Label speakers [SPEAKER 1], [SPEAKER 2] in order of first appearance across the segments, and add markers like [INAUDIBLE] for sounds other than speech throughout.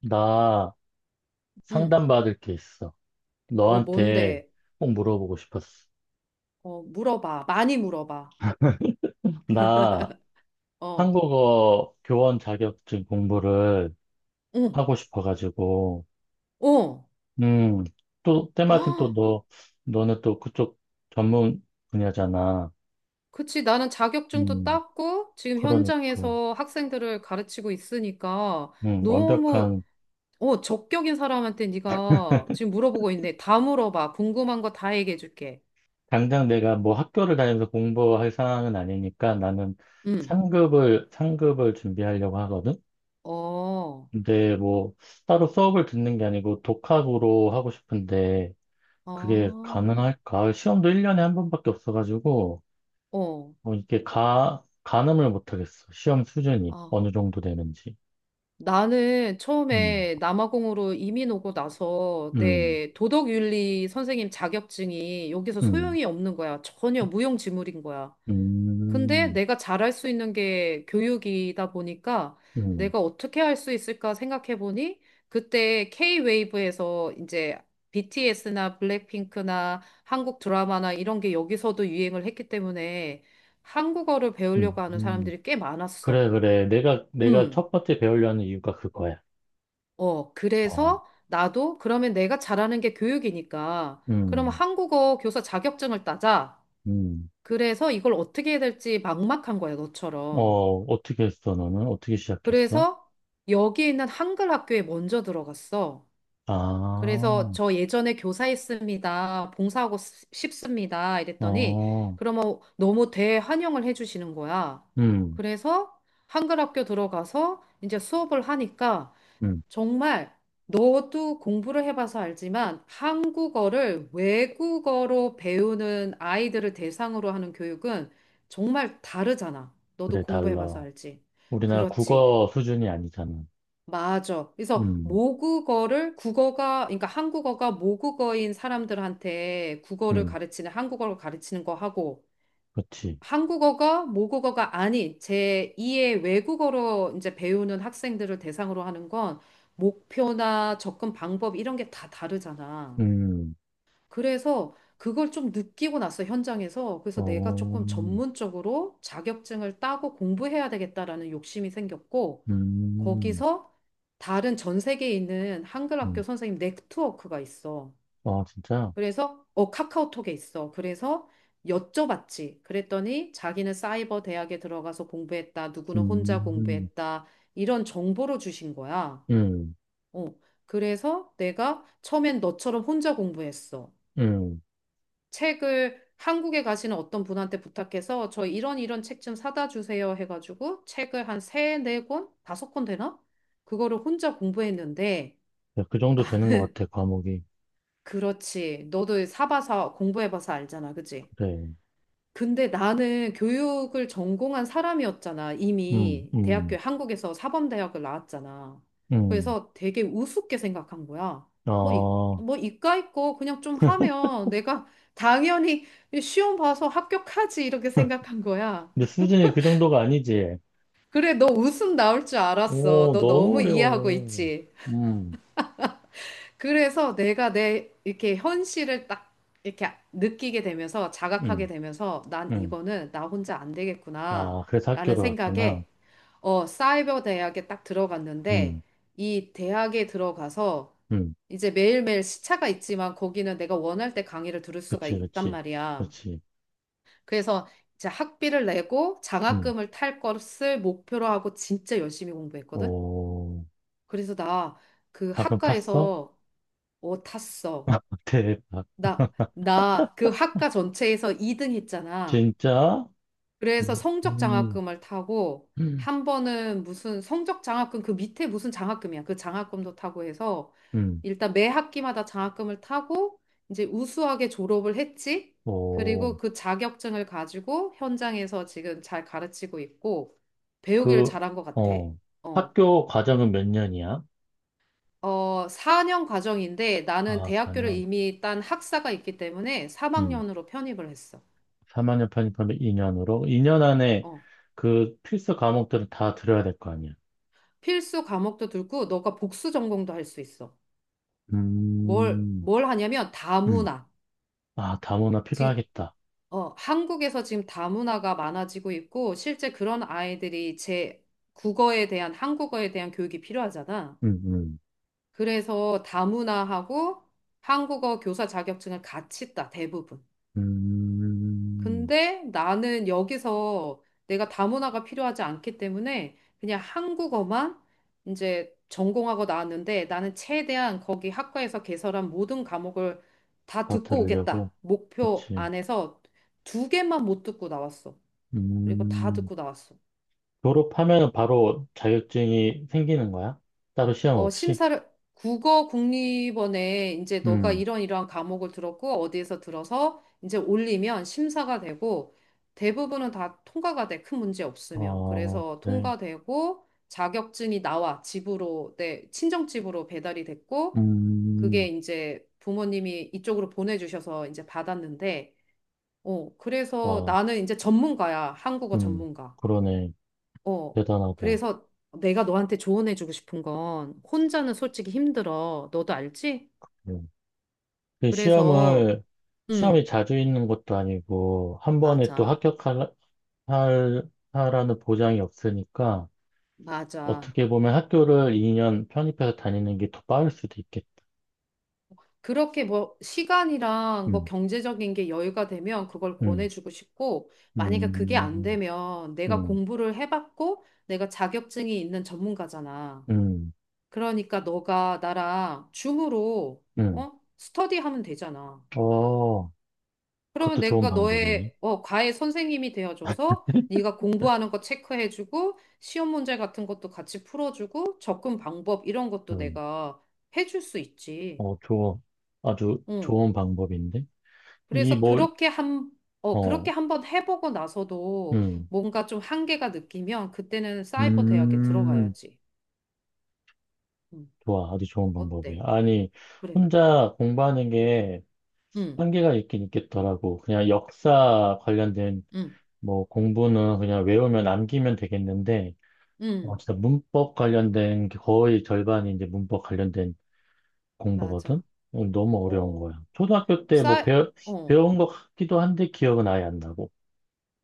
[SPEAKER 1] 나
[SPEAKER 2] 응.
[SPEAKER 1] 상담받을 게 있어.
[SPEAKER 2] 어,
[SPEAKER 1] 너한테
[SPEAKER 2] 뭔데?
[SPEAKER 1] 꼭 물어보고 싶었어.
[SPEAKER 2] 어, 물어봐. 많이 물어봐.
[SPEAKER 1] 나
[SPEAKER 2] 어,
[SPEAKER 1] 한국어 교원 자격증 공부를
[SPEAKER 2] 응,
[SPEAKER 1] 하고 싶어가지고,
[SPEAKER 2] 어.
[SPEAKER 1] 음, 또,
[SPEAKER 2] [GASPS]
[SPEAKER 1] 때마침 또
[SPEAKER 2] 아,
[SPEAKER 1] 너는 또 그쪽 전문 분야잖아.
[SPEAKER 2] 그치. 나는 자격증도
[SPEAKER 1] 음,
[SPEAKER 2] 땄고, 지금
[SPEAKER 1] 그러니까,
[SPEAKER 2] 현장에서 학생들을 가르치고 있으니까, 너무,
[SPEAKER 1] 완벽한,
[SPEAKER 2] 적격인 사람한테 네가 지금 물어보고 있는데, 다 물어봐. 궁금한 거 다 얘기해줄게.
[SPEAKER 1] 당장 내가 뭐 학교를 다니면서 공부할 상황은 아니니까 나는
[SPEAKER 2] 응.
[SPEAKER 1] 상급을 준비하려고 하거든?
[SPEAKER 2] 어,
[SPEAKER 1] 근데 뭐 따로 수업을 듣는 게 아니고 독학으로 하고 싶은데 그게
[SPEAKER 2] 아,
[SPEAKER 1] 가능할까? 시험도 1년에 한 번밖에 없어가지고
[SPEAKER 2] 어,
[SPEAKER 1] 어, 이게 가늠을 못하겠어. 시험 수준이
[SPEAKER 2] 아.
[SPEAKER 1] 어느 정도 되는지.
[SPEAKER 2] 나는
[SPEAKER 1] 음,
[SPEAKER 2] 처음에 남아공으로 이민 오고 나서
[SPEAKER 1] 음,
[SPEAKER 2] 내 도덕윤리 선생님 자격증이 여기서
[SPEAKER 1] 음,
[SPEAKER 2] 소용이 없는 거야. 전혀 무용지물인 거야. 근데
[SPEAKER 1] 음,
[SPEAKER 2] 내가 잘할 수 있는 게 교육이다 보니까,
[SPEAKER 1] 음,
[SPEAKER 2] 내가 어떻게 할 수 있을까 생각해 보니 그때 K-웨이브에서 이제 BTS나 블랙핑크나 한국 드라마나 이런 게 여기서도 유행을 했기 때문에 한국어를
[SPEAKER 1] 음,
[SPEAKER 2] 배우려고 하는
[SPEAKER 1] 음.
[SPEAKER 2] 사람들이 꽤 많았어.
[SPEAKER 1] 그래, 그래. 내가
[SPEAKER 2] 음.
[SPEAKER 1] 첫 번째 배우려는 이유가 그거야.
[SPEAKER 2] 어,
[SPEAKER 1] 어,
[SPEAKER 2] 그래서 나도 그러면 내가 잘하는 게 교육이니까 그러면
[SPEAKER 1] 음,
[SPEAKER 2] 한국어 교사 자격증을 따자.
[SPEAKER 1] 음.
[SPEAKER 2] 그래서 이걸 어떻게 해야 될지 막막한 거야, 너처럼.
[SPEAKER 1] 어, 어떻게 했어, 너는? 어떻게 시작했어?
[SPEAKER 2] 그래서 여기 있는 한글 학교에 먼저 들어갔어.
[SPEAKER 1] 아,
[SPEAKER 2] 그래서 저 예전에 교사했습니다. 봉사하고 싶습니다. 이랬더니
[SPEAKER 1] 어,
[SPEAKER 2] 그러면 너무 대환영을 해주시는 거야.
[SPEAKER 1] 음.
[SPEAKER 2] 그래서 한글 학교 들어가서 이제 수업을 하니까,
[SPEAKER 1] 음.
[SPEAKER 2] 정말, 너도 공부를 해봐서 알지만 한국어를 외국어로 배우는 아이들을 대상으로 하는 교육은 정말 다르잖아. 너도
[SPEAKER 1] 그래,
[SPEAKER 2] 공부해봐서
[SPEAKER 1] 달러.
[SPEAKER 2] 알지.
[SPEAKER 1] 우리나라
[SPEAKER 2] 그렇지.
[SPEAKER 1] 국어 수준이 아니잖아.
[SPEAKER 2] 맞아. 그래서
[SPEAKER 1] 음,
[SPEAKER 2] 모국어를 국어가, 그러니까 한국어가 모국어인 사람들한테 국어를
[SPEAKER 1] 음,
[SPEAKER 2] 가르치는, 한국어를 가르치는 거 하고,
[SPEAKER 1] 그렇지.
[SPEAKER 2] 한국어가 모국어가 아닌 제2의 외국어로 이제 배우는 학생들을 대상으로 하는 건 목표나 접근 방법 이런 게 다 다르잖아.
[SPEAKER 1] 음,
[SPEAKER 2] 그래서 그걸 좀 느끼고 나서, 현장에서, 그래서 내가
[SPEAKER 1] 어,
[SPEAKER 2] 조금 전문적으로 자격증을 따고 공부해야 되겠다라는 욕심이 생겼고,
[SPEAKER 1] 음,
[SPEAKER 2] 거기서 다른 전 세계에 있는 한글 학교
[SPEAKER 1] 음.
[SPEAKER 2] 선생님 네트워크가 있어.
[SPEAKER 1] 아, 진짜?
[SPEAKER 2] 그래서 카카오톡에 있어. 그래서 여쭤봤지. 그랬더니 자기는 사이버 대학에 들어가서 공부했다. 누구는 혼자
[SPEAKER 1] 음,
[SPEAKER 2] 공부했다. 이런 정보를 주신 거야.
[SPEAKER 1] 음,
[SPEAKER 2] 어. 그래서 내가 처음엔 너처럼 혼자 공부했어.
[SPEAKER 1] 음.
[SPEAKER 2] 책을 한국에 가시는 어떤 분한테 부탁해서 저 이런 이런 책 좀 사다 주세요 해가지고 책을 한 세, 네 권, 다섯 권 되나? 그거를 혼자 공부했는데,
[SPEAKER 1] 야, 그 정도 되는 것
[SPEAKER 2] 나는
[SPEAKER 1] 같아, 과목이.
[SPEAKER 2] [LAUGHS] 그렇지. 너도 사봐서 공부해봐서 알잖아. 그치?
[SPEAKER 1] 그래.
[SPEAKER 2] 근데 나는 교육을 전공한 사람이었잖아.
[SPEAKER 1] 음,
[SPEAKER 2] 이미 대학교
[SPEAKER 1] 음,
[SPEAKER 2] 한국에서 사범대학을 나왔잖아.
[SPEAKER 1] 음.
[SPEAKER 2] 그래서 되게 우습게 생각한 거야. 뭐, 이,
[SPEAKER 1] 아,
[SPEAKER 2] 뭐 이과 있고 그냥 좀 하면 내가 당연히 시험 봐서 합격하지 이렇게
[SPEAKER 1] [LAUGHS]
[SPEAKER 2] 생각한 거야.
[SPEAKER 1] 근데 수준이 그 정도가 아니지.
[SPEAKER 2] 그래, 너 웃음 나올 줄 알았어.
[SPEAKER 1] 오,
[SPEAKER 2] 너
[SPEAKER 1] 너무
[SPEAKER 2] 너무 이해하고
[SPEAKER 1] 어려워.
[SPEAKER 2] 있지?
[SPEAKER 1] 음,
[SPEAKER 2] 그래서 내가 내 이렇게 현실을 딱 이렇게 느끼게 되면서 자각하게
[SPEAKER 1] 음,
[SPEAKER 2] 되면서 난
[SPEAKER 1] 음.
[SPEAKER 2] 이거는 나 혼자 안 되겠구나
[SPEAKER 1] 아, 그래서
[SPEAKER 2] 라는
[SPEAKER 1] 학교를 갔구나.
[SPEAKER 2] 생각에 어, 사이버 대학에 딱 들어갔는데,
[SPEAKER 1] 음,
[SPEAKER 2] 이 대학에 들어가서
[SPEAKER 1] 음.
[SPEAKER 2] 이제 매일매일 시차가 있지만 거기는 내가 원할 때 강의를 들을 수가
[SPEAKER 1] 그치,
[SPEAKER 2] 있단
[SPEAKER 1] 그치,
[SPEAKER 2] 말이야.
[SPEAKER 1] 그치.
[SPEAKER 2] 그래서 이제 학비를 내고
[SPEAKER 1] 음.
[SPEAKER 2] 장학금을 탈 것을 목표로 하고 진짜 열심히 공부했거든.
[SPEAKER 1] 오,
[SPEAKER 2] 그래서 나 그
[SPEAKER 1] 닭을 팠어?
[SPEAKER 2] 학과에서, 어, 탔어.
[SPEAKER 1] [LAUGHS] 대박.
[SPEAKER 2] 나, 나 그 학과 전체에서 2등 했잖아.
[SPEAKER 1] 진짜?
[SPEAKER 2] 그래서 성적
[SPEAKER 1] 음,
[SPEAKER 2] 장학금을 타고
[SPEAKER 1] 음,
[SPEAKER 2] 한 번은 무슨 성적 장학금 그 밑에 무슨 장학금이야. 그 장학금도 타고 해서
[SPEAKER 1] 음.
[SPEAKER 2] 일단 매 학기마다 장학금을 타고 이제 우수하게 졸업을 했지.
[SPEAKER 1] 오,
[SPEAKER 2] 그리고 그 자격증을 가지고 현장에서 지금 잘 가르치고 있고 배우기를
[SPEAKER 1] 그,
[SPEAKER 2] 잘한 것 같아.
[SPEAKER 1] 어,
[SPEAKER 2] 어.
[SPEAKER 1] 학교 과정은 몇 년이야?
[SPEAKER 2] 어, 4년 과정인데 나는
[SPEAKER 1] 아,
[SPEAKER 2] 대학교를
[SPEAKER 1] 4년.
[SPEAKER 2] 이미 딴 학사가 있기 때문에
[SPEAKER 1] 음,
[SPEAKER 2] 3학년으로 편입을 했어.
[SPEAKER 1] 4학년 편입하면 2년으로? 2년 안에
[SPEAKER 2] 어.
[SPEAKER 1] 그 필수 과목들을 다 들어야 될 거 아니야?
[SPEAKER 2] 필수 과목도 들고 너가 복수 전공도 할 수 있어. 뭘,
[SPEAKER 1] 음,
[SPEAKER 2] 뭘 하냐면
[SPEAKER 1] 음.
[SPEAKER 2] 다문화.
[SPEAKER 1] 아, 다문화
[SPEAKER 2] 지금,
[SPEAKER 1] 필요하겠다.
[SPEAKER 2] 어, 한국에서 지금 다문화가 많아지고 있고 실제 그런 아이들이 제 국어에 대한 한국어에 대한 교육이 필요하잖아.
[SPEAKER 1] 음, 음,
[SPEAKER 2] 그래서 다문화하고 한국어 교사 자격증을 같이 따 대부분.
[SPEAKER 1] 음.
[SPEAKER 2] 근데 나는 여기서 내가 다문화가 필요하지 않기 때문에 그냥 한국어만 이제 전공하고 나왔는데, 나는 최대한 거기 학과에서 개설한 모든 과목을 다
[SPEAKER 1] 다
[SPEAKER 2] 듣고
[SPEAKER 1] 들으려고?
[SPEAKER 2] 오겠다. 목표
[SPEAKER 1] 그치.
[SPEAKER 2] 안에서 두 개만 못 듣고 나왔어. 그리고 다
[SPEAKER 1] 음.
[SPEAKER 2] 듣고 나왔어.
[SPEAKER 1] 졸업하면 바로 자격증이 생기는 거야? 따로 시험
[SPEAKER 2] 어,
[SPEAKER 1] 없이?
[SPEAKER 2] 심사를, 국어 국립원에 이제 너가
[SPEAKER 1] 음,
[SPEAKER 2] 이런 이러한 과목을 들었고, 어디에서 들어서 이제 올리면 심사가 되고, 대부분은 다 통과가 돼, 큰 문제 없으면.
[SPEAKER 1] 어,
[SPEAKER 2] 그래서
[SPEAKER 1] 그래.
[SPEAKER 2] 통과되고, 자격증이 나와, 집으로, 내 친정집으로 배달이 됐고,
[SPEAKER 1] 음,
[SPEAKER 2] 그게 이제 부모님이 이쪽으로 보내주셔서 이제 받았는데, 어, 그래서
[SPEAKER 1] 와,
[SPEAKER 2] 나는 이제 전문가야, 한국어
[SPEAKER 1] 음,
[SPEAKER 2] 전문가.
[SPEAKER 1] 그러네.
[SPEAKER 2] 어,
[SPEAKER 1] 대단하다.
[SPEAKER 2] 그래서 내가 너한테 조언해주고 싶은 건 혼자는 솔직히 힘들어. 너도 알지?
[SPEAKER 1] 음. 그
[SPEAKER 2] 그래서,
[SPEAKER 1] 시험을, 시험이
[SPEAKER 2] 음,
[SPEAKER 1] 자주 있는 것도 아니고, 한 번에 또
[SPEAKER 2] 맞아,
[SPEAKER 1] 합격할, 하라는 보장이 없으니까,
[SPEAKER 2] 맞아.
[SPEAKER 1] 어떻게 보면 학교를 2년 편입해서 다니는 게 더 빠를 수도 있겠다.
[SPEAKER 2] 그렇게 뭐 시간이랑 뭐
[SPEAKER 1] 음,
[SPEAKER 2] 경제적인 게 여유가 되면 그걸
[SPEAKER 1] 음,
[SPEAKER 2] 권해주고 싶고, 만약에 그게 안
[SPEAKER 1] 음,
[SPEAKER 2] 되면, 내가
[SPEAKER 1] 음,
[SPEAKER 2] 공부를 해봤고, 내가 자격증이 있는 전문가잖아.
[SPEAKER 1] 음,
[SPEAKER 2] 그러니까 너가 나랑 줌으로,
[SPEAKER 1] 음.
[SPEAKER 2] 어, 스터디하면 되잖아.
[SPEAKER 1] 어,
[SPEAKER 2] 그러면
[SPEAKER 1] 그것도 좋은
[SPEAKER 2] 내가
[SPEAKER 1] 방법이네.
[SPEAKER 2] 너의, 어, 과외 선생님이 되어줘서 네가 공부하는 거 체크해주고 시험 문제 같은 것도 같이 풀어주고 접근 방법 이런 것도
[SPEAKER 1] 음.
[SPEAKER 2] 내가 해줄 수 있지.
[SPEAKER 1] 어, 좋아. 아주
[SPEAKER 2] 응.
[SPEAKER 1] 좋은 방법인데? 이
[SPEAKER 2] 그래서
[SPEAKER 1] 뭐,
[SPEAKER 2] 그렇게 한, 어,
[SPEAKER 1] 어,
[SPEAKER 2] 그렇게 한번 해보고 나서도
[SPEAKER 1] 음,
[SPEAKER 2] 뭔가 좀 한계가 느끼면 그때는 사이버 대학에
[SPEAKER 1] 음,
[SPEAKER 2] 들어가야지. 응.
[SPEAKER 1] 좋아. 아주 좋은 방법이야.
[SPEAKER 2] 어때?
[SPEAKER 1] 아니,
[SPEAKER 2] 그래.
[SPEAKER 1] 혼자 공부하는 게
[SPEAKER 2] 응,
[SPEAKER 1] 한계가 있긴 있겠더라고. 그냥 역사 관련된
[SPEAKER 2] 응,
[SPEAKER 1] 뭐 공부는 그냥 외우면 남기면 되겠는데, 어,
[SPEAKER 2] 응.
[SPEAKER 1] 진짜 문법 관련된 게 거의 절반이 이제 문법 관련된 공부거든?
[SPEAKER 2] 맞아.
[SPEAKER 1] 어, 너무 어려운
[SPEAKER 2] 어,
[SPEAKER 1] 거야. 초등학교 때 뭐
[SPEAKER 2] 사이, 어.
[SPEAKER 1] 배운 것 같기도 한데 기억은 아예 안 나고.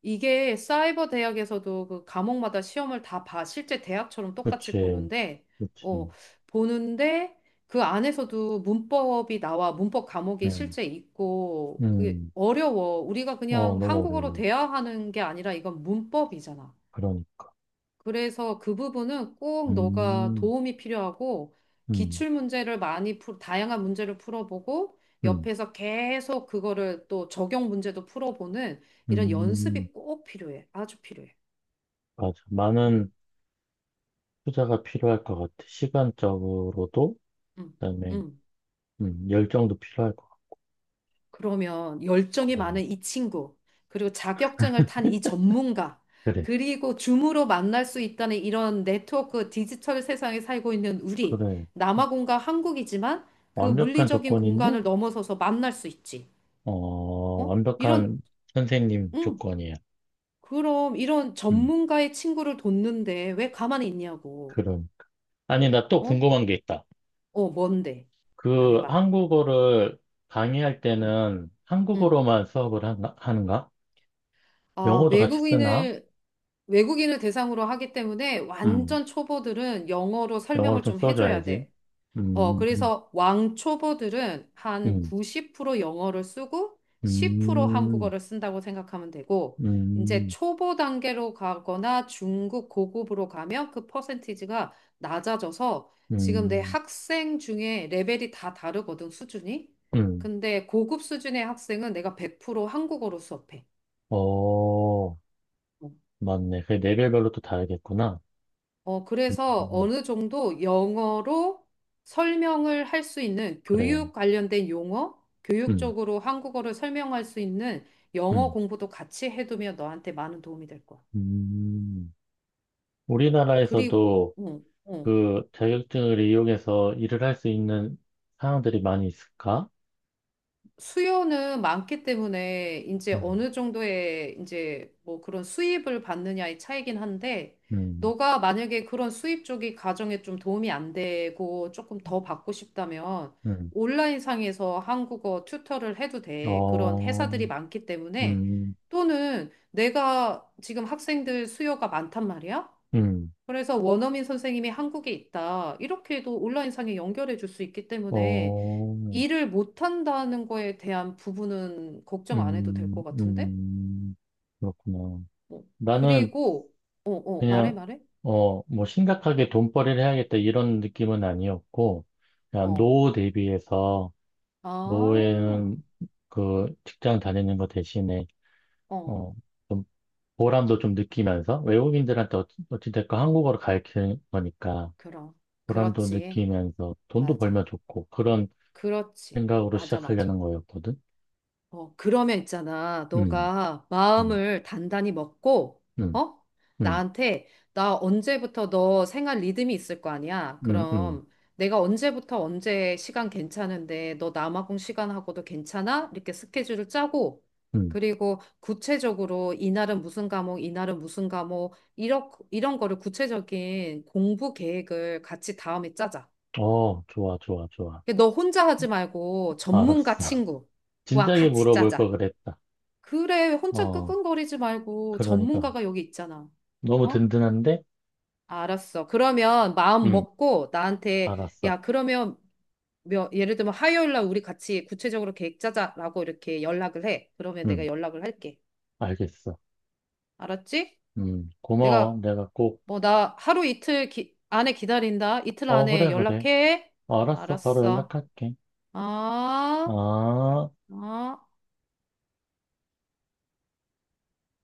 [SPEAKER 2] 이게 사이버 대학에서도 그 과목마다 시험을 다 봐. 실제 대학처럼 똑같이
[SPEAKER 1] 그치,
[SPEAKER 2] 보는데, 어,
[SPEAKER 1] 그치.
[SPEAKER 2] 보는데 그 안에서도 문법이 나와. 문법 과목이
[SPEAKER 1] 음.
[SPEAKER 2] 실제 있고, 그게
[SPEAKER 1] 음,
[SPEAKER 2] 어려워. 우리가
[SPEAKER 1] 어,
[SPEAKER 2] 그냥
[SPEAKER 1] 너무
[SPEAKER 2] 한국어로
[SPEAKER 1] 어려워.
[SPEAKER 2] 대화하는 게 아니라 이건 문법이잖아.
[SPEAKER 1] 그러니까.
[SPEAKER 2] 그래서 그 부분은 꼭 너가
[SPEAKER 1] 음,
[SPEAKER 2] 도움이 필요하고
[SPEAKER 1] 음,
[SPEAKER 2] 기출 문제를 많이 풀, 다양한 문제를 풀어보고
[SPEAKER 1] 음,
[SPEAKER 2] 옆에서 계속 그거를 또 적용 문제도 풀어보는 이런
[SPEAKER 1] 음,
[SPEAKER 2] 연습이 꼭 필요해. 아주 필요해.
[SPEAKER 1] 맞아.
[SPEAKER 2] 음,
[SPEAKER 1] 많은 투자가 필요할 것 같아. 시간적으로도,
[SPEAKER 2] 음,
[SPEAKER 1] 그다음에,
[SPEAKER 2] 음.
[SPEAKER 1] 열정도 필요할 것
[SPEAKER 2] 그러면
[SPEAKER 1] 같고,
[SPEAKER 2] 열정이
[SPEAKER 1] 그래.
[SPEAKER 2] 많은 이 친구, 그리고 자격증을 탄 이 전문가,
[SPEAKER 1] 그래,
[SPEAKER 2] 그리고 줌으로 만날 수 있다는 이런 네트워크, 디지털 세상에 살고 있는 우리,
[SPEAKER 1] 그래.
[SPEAKER 2] 남아공과 한국이지만 그
[SPEAKER 1] 완벽한
[SPEAKER 2] 물리적인
[SPEAKER 1] 조건인데,
[SPEAKER 2] 공간을 넘어서서 만날 수 있지.
[SPEAKER 1] 어,
[SPEAKER 2] 어? 이런,
[SPEAKER 1] 완벽한 선생님
[SPEAKER 2] 응,
[SPEAKER 1] 조건이야.
[SPEAKER 2] 그럼 이런
[SPEAKER 1] 음,
[SPEAKER 2] 전문가의 친구를 돕는데 왜 가만히 있냐고.
[SPEAKER 1] 그럼. 아니, 나 또
[SPEAKER 2] 어?
[SPEAKER 1] 궁금한 게 있다.
[SPEAKER 2] 어, 뭔데?
[SPEAKER 1] 그
[SPEAKER 2] 말해봐.
[SPEAKER 1] 한국어를 강의할
[SPEAKER 2] 응,
[SPEAKER 1] 때는
[SPEAKER 2] 응.
[SPEAKER 1] 한국어로만 수업을 하 하는가?
[SPEAKER 2] 아,
[SPEAKER 1] 영어도 같이 쓰나?
[SPEAKER 2] 외국인을 대상으로 하기 때문에
[SPEAKER 1] 음.
[SPEAKER 2] 완전 초보들은 영어로
[SPEAKER 1] 영어를
[SPEAKER 2] 설명을
[SPEAKER 1] 좀
[SPEAKER 2] 좀 해줘야
[SPEAKER 1] 써줘야지.
[SPEAKER 2] 돼. 어,
[SPEAKER 1] 음,
[SPEAKER 2] 그래서 왕초보들은 한
[SPEAKER 1] 음,
[SPEAKER 2] 90% 영어를 쓰고 10%
[SPEAKER 1] 음,
[SPEAKER 2] 한국어를 쓴다고 생각하면 되고,
[SPEAKER 1] 음,
[SPEAKER 2] 이제
[SPEAKER 1] 음,
[SPEAKER 2] 초보 단계로 가거나 중급 고급으로 가면 그 퍼센티지가 낮아져서 지금 내
[SPEAKER 1] 음.
[SPEAKER 2] 학생 중에 레벨이 다 다르거든, 수준이.
[SPEAKER 1] 음.
[SPEAKER 2] 근데 고급 수준의 학생은 내가 100% 한국어로 수업해.
[SPEAKER 1] 어, 맞네. 그 레벨별로 또 다르겠구나.
[SPEAKER 2] 어,
[SPEAKER 1] 음,
[SPEAKER 2] 그래서
[SPEAKER 1] 음,
[SPEAKER 2] 어느 정도 영어로 설명을 할 수 있는
[SPEAKER 1] 그래.
[SPEAKER 2] 교육 관련된 용어,
[SPEAKER 1] 음,
[SPEAKER 2] 교육적으로 한국어를 설명할 수 있는 영어
[SPEAKER 1] 음,
[SPEAKER 2] 공부도 같이 해두면 너한테 많은 도움이 될 거야.
[SPEAKER 1] 음.
[SPEAKER 2] 어, 그리고,
[SPEAKER 1] 우리나라에서도
[SPEAKER 2] 응, 응.
[SPEAKER 1] 그 자격증을 이용해서 일을 할 수 있는 사항들이 많이 있을까?
[SPEAKER 2] 수요는 많기 때문에 이제
[SPEAKER 1] 음,
[SPEAKER 2] 어느 정도의 이제 뭐 그런 수입을 받느냐의 차이긴 한데
[SPEAKER 1] 음,
[SPEAKER 2] 너가 만약에 그런 수입 쪽이 가정에 좀 도움이 안 되고 조금 더 받고 싶다면
[SPEAKER 1] 음.
[SPEAKER 2] 온라인 상에서 한국어 튜터를 해도 돼. 그런
[SPEAKER 1] 어,
[SPEAKER 2] 회사들이 많기 때문에,
[SPEAKER 1] 음,
[SPEAKER 2] 또는, 내가 지금 학생들 수요가 많단 말이야.
[SPEAKER 1] 음,
[SPEAKER 2] 그래서 원어민 선생님이 한국에 있다. 이렇게도 온라인 상에 연결해 줄 수 있기 때문에
[SPEAKER 1] 어,
[SPEAKER 2] 일을 못한다는 거에 대한 부분은 걱정 안 해도 될
[SPEAKER 1] 음,
[SPEAKER 2] 것 같은데?
[SPEAKER 1] 음. 그렇구나.
[SPEAKER 2] 어.
[SPEAKER 1] 나는
[SPEAKER 2] 그리고,
[SPEAKER 1] 그냥,
[SPEAKER 2] 말해?
[SPEAKER 1] 어, 뭐, 심각하게 돈벌이를 해야겠다 이런 느낌은 아니었고, 그냥
[SPEAKER 2] 어,
[SPEAKER 1] 노후 대비해서,
[SPEAKER 2] 아,
[SPEAKER 1] 노후에는 그 직장 다니는 거 대신에,
[SPEAKER 2] 어,
[SPEAKER 1] 어, 좀 보람도 좀 느끼면서, 외국인들한테 어찌됐건 한국어를 가르치는 거니까,
[SPEAKER 2] 그럼.
[SPEAKER 1] 보람도
[SPEAKER 2] 그렇지.
[SPEAKER 1] 느끼면서, 돈도
[SPEAKER 2] 맞아.
[SPEAKER 1] 벌면 좋고, 그런
[SPEAKER 2] 그렇지.
[SPEAKER 1] 생각으로
[SPEAKER 2] 맞아, 맞아.
[SPEAKER 1] 시작하려는 거였거든.
[SPEAKER 2] 어, 그러면 있잖아.
[SPEAKER 1] 음,
[SPEAKER 2] 너가
[SPEAKER 1] 음,
[SPEAKER 2] 마음을 단단히 먹고,
[SPEAKER 1] 음,
[SPEAKER 2] 어?
[SPEAKER 1] 음,
[SPEAKER 2] 나한테, 나 언제부터 너 생활 리듬이 있을 거 아니야?
[SPEAKER 1] 음, 음,
[SPEAKER 2] 그럼 내가 언제부터 언제 시간 괜찮은데, 너 남아공 시간하고도 괜찮아? 이렇게 스케줄을 짜고,
[SPEAKER 1] 음.
[SPEAKER 2] 그리고 구체적으로 이날은 무슨 과목, 이날은 무슨 과목, 이런, 이런 거를 구체적인 공부 계획을 같이 다음에 짜자.
[SPEAKER 1] 어, 좋아, 좋아, 좋아.
[SPEAKER 2] 너 혼자 하지 말고 전문가
[SPEAKER 1] 알았어. [LAUGHS]
[SPEAKER 2] 친구와
[SPEAKER 1] 진작에
[SPEAKER 2] 같이
[SPEAKER 1] 물어볼 걸
[SPEAKER 2] 짜자.
[SPEAKER 1] 그랬다.
[SPEAKER 2] 그래, 혼자
[SPEAKER 1] 어,
[SPEAKER 2] 끙끙거리지 말고
[SPEAKER 1] 그러니까.
[SPEAKER 2] 전문가가 여기 있잖아.
[SPEAKER 1] 너무
[SPEAKER 2] 어?
[SPEAKER 1] 든든한데?
[SPEAKER 2] 알았어. 그러면 마음
[SPEAKER 1] 응,
[SPEAKER 2] 먹고 나한테,
[SPEAKER 1] 알았어.
[SPEAKER 2] 야, 그러면 몇, 예를 들면 화요일 날 우리 같이 구체적으로 계획 짜자라고 이렇게 연락을 해. 그러면 내가
[SPEAKER 1] 응,
[SPEAKER 2] 연락을 할게.
[SPEAKER 1] 알겠어.
[SPEAKER 2] 알았지?
[SPEAKER 1] 응, 고마워.
[SPEAKER 2] 내가
[SPEAKER 1] 내가 꼭,
[SPEAKER 2] 뭐 나 하루 이틀 안에 기다린다. 이틀
[SPEAKER 1] 어,
[SPEAKER 2] 안에
[SPEAKER 1] 그래, 그래.
[SPEAKER 2] 연락해.
[SPEAKER 1] 알았어. 바로
[SPEAKER 2] 알았어.
[SPEAKER 1] 연락할게.
[SPEAKER 2] 아,
[SPEAKER 1] 아.
[SPEAKER 2] 아.